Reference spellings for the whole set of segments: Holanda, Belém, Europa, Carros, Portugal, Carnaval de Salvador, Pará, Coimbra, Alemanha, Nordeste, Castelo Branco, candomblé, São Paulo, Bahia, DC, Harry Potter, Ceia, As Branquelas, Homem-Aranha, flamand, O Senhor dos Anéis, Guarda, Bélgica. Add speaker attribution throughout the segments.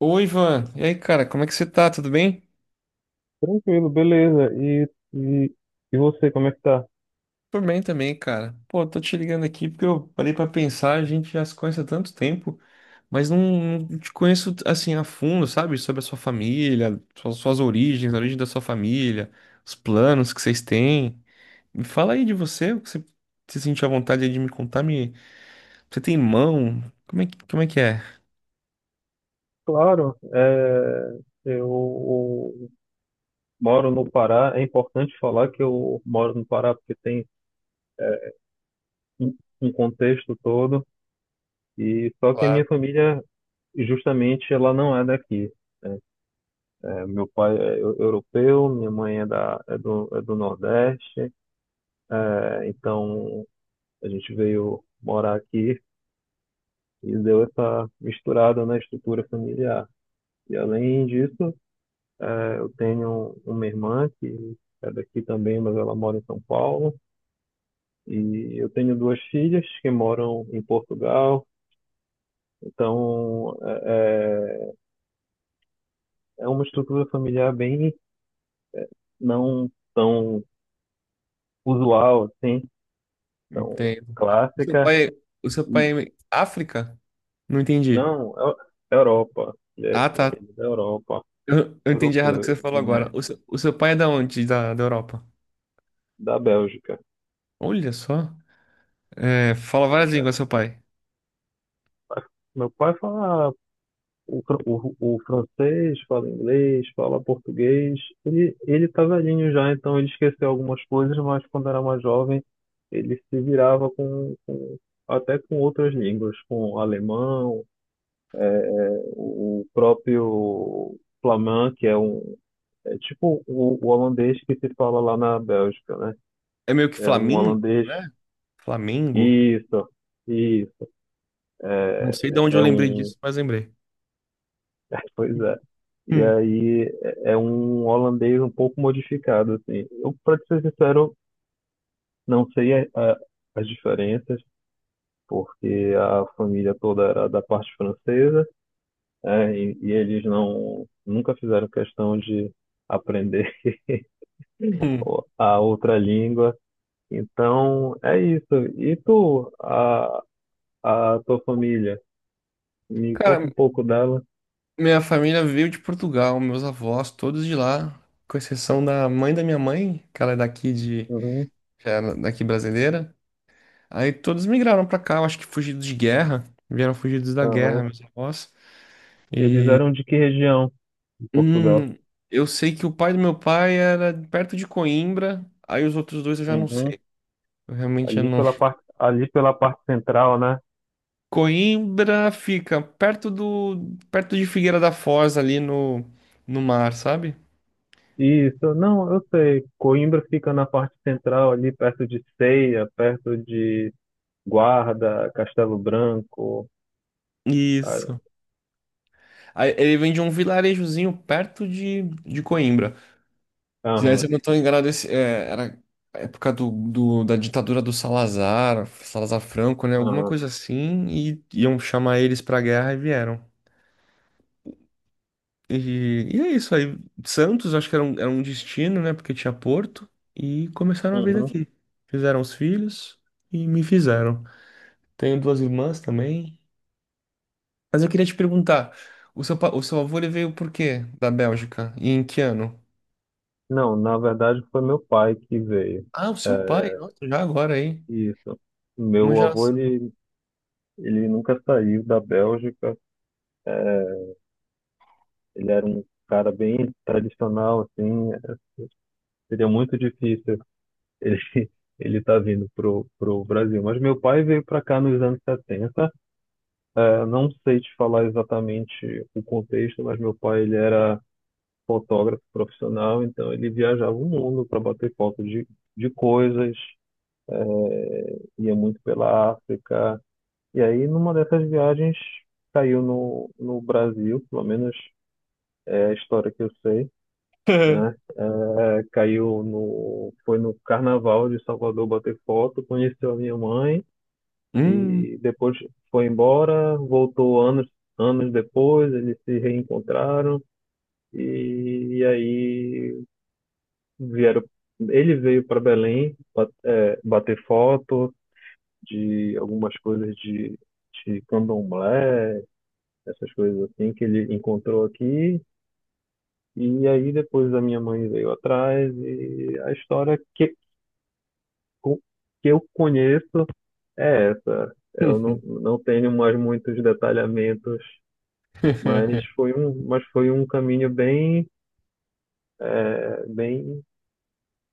Speaker 1: Oi, Ivan. E aí, cara, como é que você tá? Tudo bem?
Speaker 2: Tranquilo, beleza. E, e você, como é que tá?
Speaker 1: Tô bem também, cara. Pô, tô te ligando aqui porque eu parei pra pensar, a gente já se conhece há tanto tempo, mas não te conheço assim a fundo, sabe? Sobre a sua família, suas origens, a origem da sua família, os planos que vocês têm. Me fala aí de você, o que você se sentir à vontade aí de me contar, me... Você tem irmão? Como é que é?
Speaker 2: Claro, eu moro no Pará. É importante falar que eu moro no Pará porque tem é, um um contexto todo. E só que a minha
Speaker 1: Claro,
Speaker 2: família, justamente, ela não é daqui, né? É, meu pai é europeu, minha mãe é, é do Nordeste. É, então a gente veio morar aqui e deu essa misturada na estrutura familiar. E além disso, eu tenho uma irmã que é daqui também, mas ela mora em São Paulo. E eu tenho duas filhas que moram em Portugal. Então, é uma estrutura familiar bem não tão usual, assim, tão
Speaker 1: entendo. O seu
Speaker 2: clássica.
Speaker 1: pai, o seu
Speaker 2: E,
Speaker 1: pai é África? Não entendi.
Speaker 2: não, é Europa.
Speaker 1: Ah, tá.
Speaker 2: Ele é da Europa,
Speaker 1: Eu entendi errado o que você
Speaker 2: europeu,
Speaker 1: falou
Speaker 2: ele é
Speaker 1: agora. O seu pai é da onde? Da Europa?
Speaker 2: da Bélgica.
Speaker 1: Olha só. É, fala várias línguas, seu pai.
Speaker 2: Meu pai fala o, o francês, fala inglês, fala português. Ele tá velhinho já, então ele esqueceu algumas coisas, mas quando era mais jovem, ele se virava até com outras línguas, com alemão, é, é, o próprio flamand, que é é tipo o holandês que se fala lá na Bélgica, né?
Speaker 1: É meio que
Speaker 2: É um
Speaker 1: Flamengo,
Speaker 2: holandês.
Speaker 1: né? Flamengo.
Speaker 2: Isso, isso.
Speaker 1: Não
Speaker 2: É,
Speaker 1: sei de onde
Speaker 2: é
Speaker 1: eu
Speaker 2: é
Speaker 1: lembrei
Speaker 2: um
Speaker 1: disso, mas lembrei.
Speaker 2: Pois é. E
Speaker 1: Hum,
Speaker 2: aí é um holandês um pouco modificado, assim. Eu, para ser sincero, não sei as diferenças, porque a família toda era da parte francesa, e eles nunca fizeram questão de aprender
Speaker 1: hum.
Speaker 2: a outra língua. Então, é isso. E tu, a tua família, me conta
Speaker 1: Cara,
Speaker 2: um pouco dela.
Speaker 1: minha família veio de Portugal, meus avós, todos de lá, com exceção da mãe da minha mãe, que ela é daqui de,
Speaker 2: Uhum,
Speaker 1: já era daqui brasileira. Aí todos migraram pra cá, eu acho que fugidos de guerra, vieram fugidos da guerra,
Speaker 2: aham.
Speaker 1: meus avós.
Speaker 2: Eles eram de que região de Portugal?
Speaker 1: Hum, eu sei que o pai do meu pai era perto de Coimbra, aí os outros dois eu já não
Speaker 2: Uhum.
Speaker 1: sei. Eu realmente já não.
Speaker 2: Ali pela parte central, né?
Speaker 1: Coimbra fica perto de Figueira da Foz ali no, no mar, sabe?
Speaker 2: Isso, não, eu sei. Coimbra fica na parte central, ali perto de Ceia, perto de Guarda, Castelo Branco. Ah,
Speaker 1: Isso. Aí ele vem de um vilarejozinho perto de Coimbra. Se daí, se
Speaker 2: aham,
Speaker 1: eu não estou enganado, esse, é, era a época do, do- da ditadura do Salazar, Salazar Franco, né? Alguma
Speaker 2: aham,
Speaker 1: coisa assim, e iam chamar eles pra guerra e vieram. E é isso aí. Santos, acho que era um destino, né? Porque tinha Porto. E começaram a vida
Speaker 2: uhum.
Speaker 1: aqui. Fizeram os filhos e me fizeram. Tenho duas irmãs também. Mas eu queria te perguntar: o seu, pa- o seu avô ele veio por quê da Bélgica? E em que ano?
Speaker 2: Não, na verdade foi meu pai que veio.
Speaker 1: Ah, o seu
Speaker 2: É,
Speaker 1: pai, nossa, já agora aí.
Speaker 2: isso.
Speaker 1: Uma
Speaker 2: Meu avô,
Speaker 1: geração.
Speaker 2: ele, ele nunca saiu da Bélgica. Ele era um cara bem tradicional, assim. Seria muito difícil. Ele ele tá vindo pro, pro Brasil. Mas meu pai veio para cá nos anos 70. Eu não sei te falar exatamente o contexto, mas meu pai ele era fotógrafo profissional, então ele viajava o mundo para bater foto de coisas, ia muito pela África. E aí, numa dessas viagens, caiu no Brasil, pelo menos é a história que eu sei, né? É, caiu no, foi no Carnaval de Salvador bater foto, conheceu a minha mãe,
Speaker 1: Hum.
Speaker 2: e depois foi embora, voltou anos, anos depois, eles se reencontraram e aí vieram. Ele veio para Belém bater foto de algumas coisas de candomblé, essas coisas assim que ele encontrou aqui. E aí depois a minha mãe veio atrás e a história co- que eu conheço é essa. Eu não tenho mais muitos detalhamentos. Mas foi um caminho bem, bem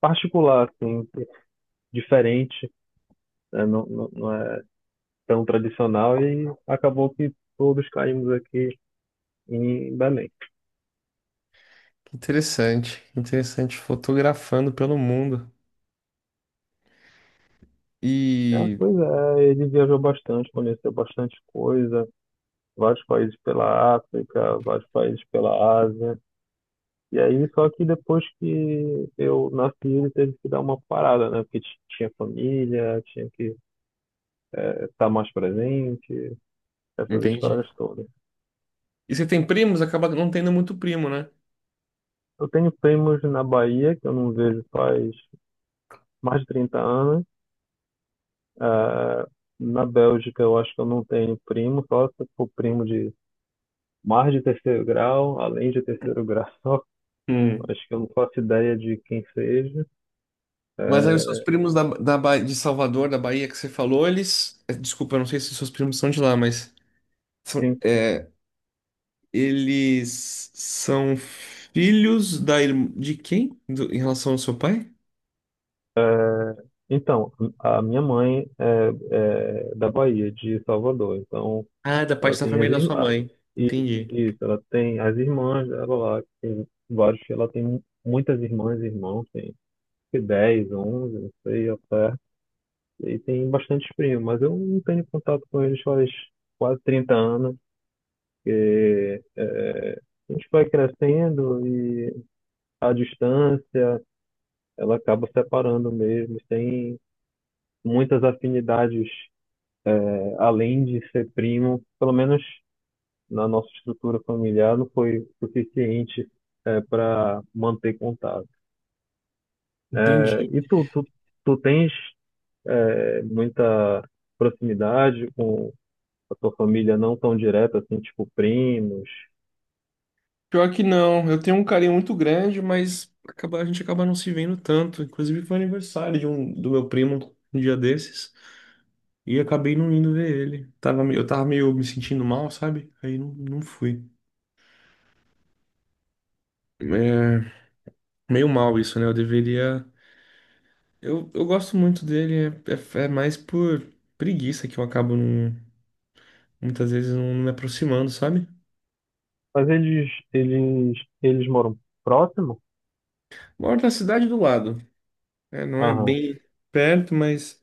Speaker 2: particular, assim, diferente, né? Não é tão tradicional e acabou que todos caímos aqui em Belém.
Speaker 1: Que interessante, que interessante. Fotografando pelo mundo.
Speaker 2: Ah,
Speaker 1: E.
Speaker 2: pois é, ele viajou bastante, conheceu bastante coisa, vários países pela África, vários países pela Ásia. E aí, só que depois que eu nasci, ele teve que dar uma parada, né? Porque tinha família, tinha que estar mais presente, essas
Speaker 1: Entendi.
Speaker 2: histórias todas.
Speaker 1: E você tem primos? Acaba não tendo muito primo, né?
Speaker 2: Eu tenho primos na Bahia, que eu não vejo faz mais de 30 anos. Ah, na Bélgica, eu acho que eu não tenho primo, só se for primo de mais de terceiro grau, além de terceiro grau.
Speaker 1: Hum.
Speaker 2: Acho que eu não faço ideia de quem seja.
Speaker 1: Mas aí os
Speaker 2: É,
Speaker 1: seus primos da Ba- de Salvador, da Bahia que você falou, eles. Eh, desculpa, eu não sei se seus primos são de lá, mas. São,
Speaker 2: sim.
Speaker 1: é, eles são filhos da, irm- de quem? Do- em relação ao seu pai?
Speaker 2: Então, a minha mãe é da Bahia, de Salvador. Então,
Speaker 1: Ah, da
Speaker 2: ela
Speaker 1: parte da
Speaker 2: tem as
Speaker 1: família da sua
Speaker 2: irmãs.
Speaker 1: mãe.
Speaker 2: Isso,
Speaker 1: Entendi.
Speaker 2: isso, ela tem as irmãs dela lá. Tem vários, ela tem muitas irmãs e irmãos. Que 10, 11, não sei, até. E tem bastante primos, mas eu não tenho contato com eles faz quase 30 anos, porque é, a gente vai crescendo e a distância, ela acaba separando mesmo. Tem muitas afinidades, é, além de ser primo, pelo menos na nossa estrutura familiar, não foi suficiente para manter contato.
Speaker 1: Entendi.
Speaker 2: É, e tu tens muita proximidade com a tua família não tão direta, assim, tipo primos.
Speaker 1: Pior que não, eu tenho um carinho muito grande, mas acaba, a gente acaba não se vendo tanto. Inclusive foi aniversário de um, do meu primo um dia desses. E acabei não indo ver ele. Tava, me- eu tava meio me sentindo mal, sabe? Aí não fui. É meio mal isso, né? Eu deveria. Eu gosto muito dele, é, é- é mais por preguiça que eu acabo não- muitas vezes não me aproximando, sabe?
Speaker 2: Mas eles moram próximo?
Speaker 1: Moro na cidade do lado. É, não é
Speaker 2: Aham.
Speaker 1: bem perto, mas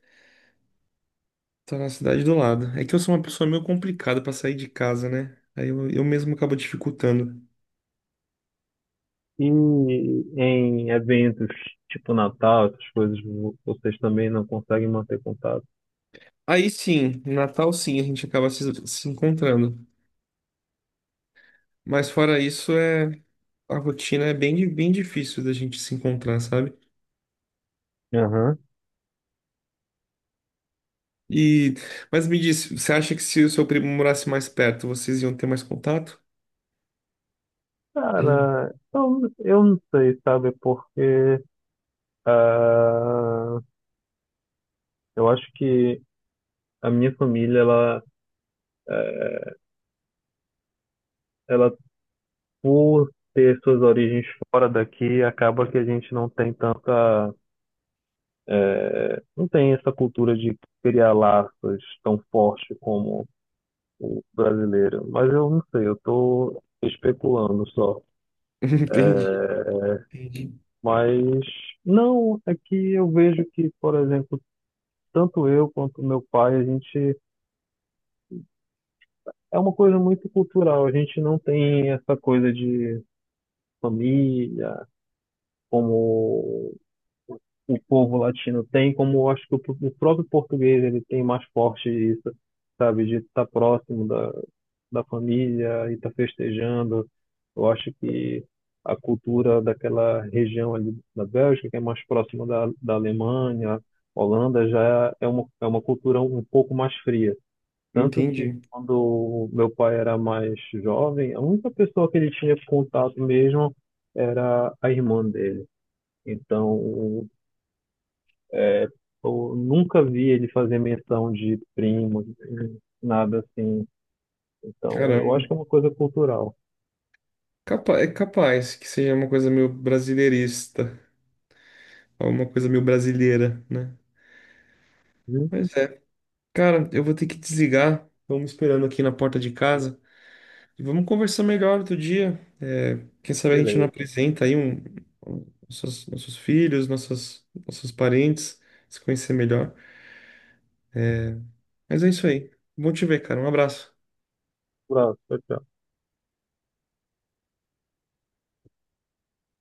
Speaker 1: tô na cidade do lado. É que eu sou uma pessoa meio complicada pra sair de casa, né? Aí eu mesmo acabo dificultando.
Speaker 2: E em eventos tipo Natal, essas coisas, vocês também não conseguem manter contato?
Speaker 1: Aí sim, no Natal sim, a gente acaba se encontrando. Mas fora isso, é, a rotina é bem, di- bem difícil da gente se encontrar, sabe?
Speaker 2: Aham.
Speaker 1: E, mas me disse, você acha que se o seu primo morasse mais perto, vocês iam ter mais contato? Hum.
Speaker 2: Cara, eu não sei, sabe? Porque ah, eu acho que a minha família, ela, é, ela por ter suas origens fora daqui, acaba que a gente não tem tanta... É, não tem essa cultura de criar laços tão forte como o brasileiro. Mas eu não sei, eu estou especulando só.
Speaker 1: Entendi, entendi,
Speaker 2: Mas não, é que eu vejo que, por exemplo, tanto eu quanto meu pai, a gente é uma coisa muito cultural. A gente não tem essa coisa de família como o povo latino tem, como eu acho que o próprio português ele tem mais forte isso, sabe, de estar próximo da família e estar festejando. Eu acho que a cultura daquela região ali da Bélgica, que é mais próxima da Alemanha, Holanda, já é uma cultura um pouco mais fria. Tanto que
Speaker 1: entendi.
Speaker 2: quando meu pai era mais jovem, a única pessoa que ele tinha contato mesmo era a irmã dele. Então, é, eu nunca vi ele fazer menção de primo, nada assim. Então, eu acho
Speaker 1: Caramba,
Speaker 2: que é uma coisa cultural.
Speaker 1: capa- é capaz que seja uma coisa meio brasileirista, alguma coisa meio brasileira, né?
Speaker 2: Hum,
Speaker 1: Mas é, cara, eu vou ter que desligar. Vamos esperando aqui na porta de casa e vamos conversar melhor outro dia. É, quem sabe a gente não
Speaker 2: Beleza.
Speaker 1: apresenta aí um- nossos filhos, nossas, nossos parentes, se conhecer melhor. Mas é isso aí. Bom te ver, cara. Um abraço.
Speaker 2: Abraço, tchau, tchau.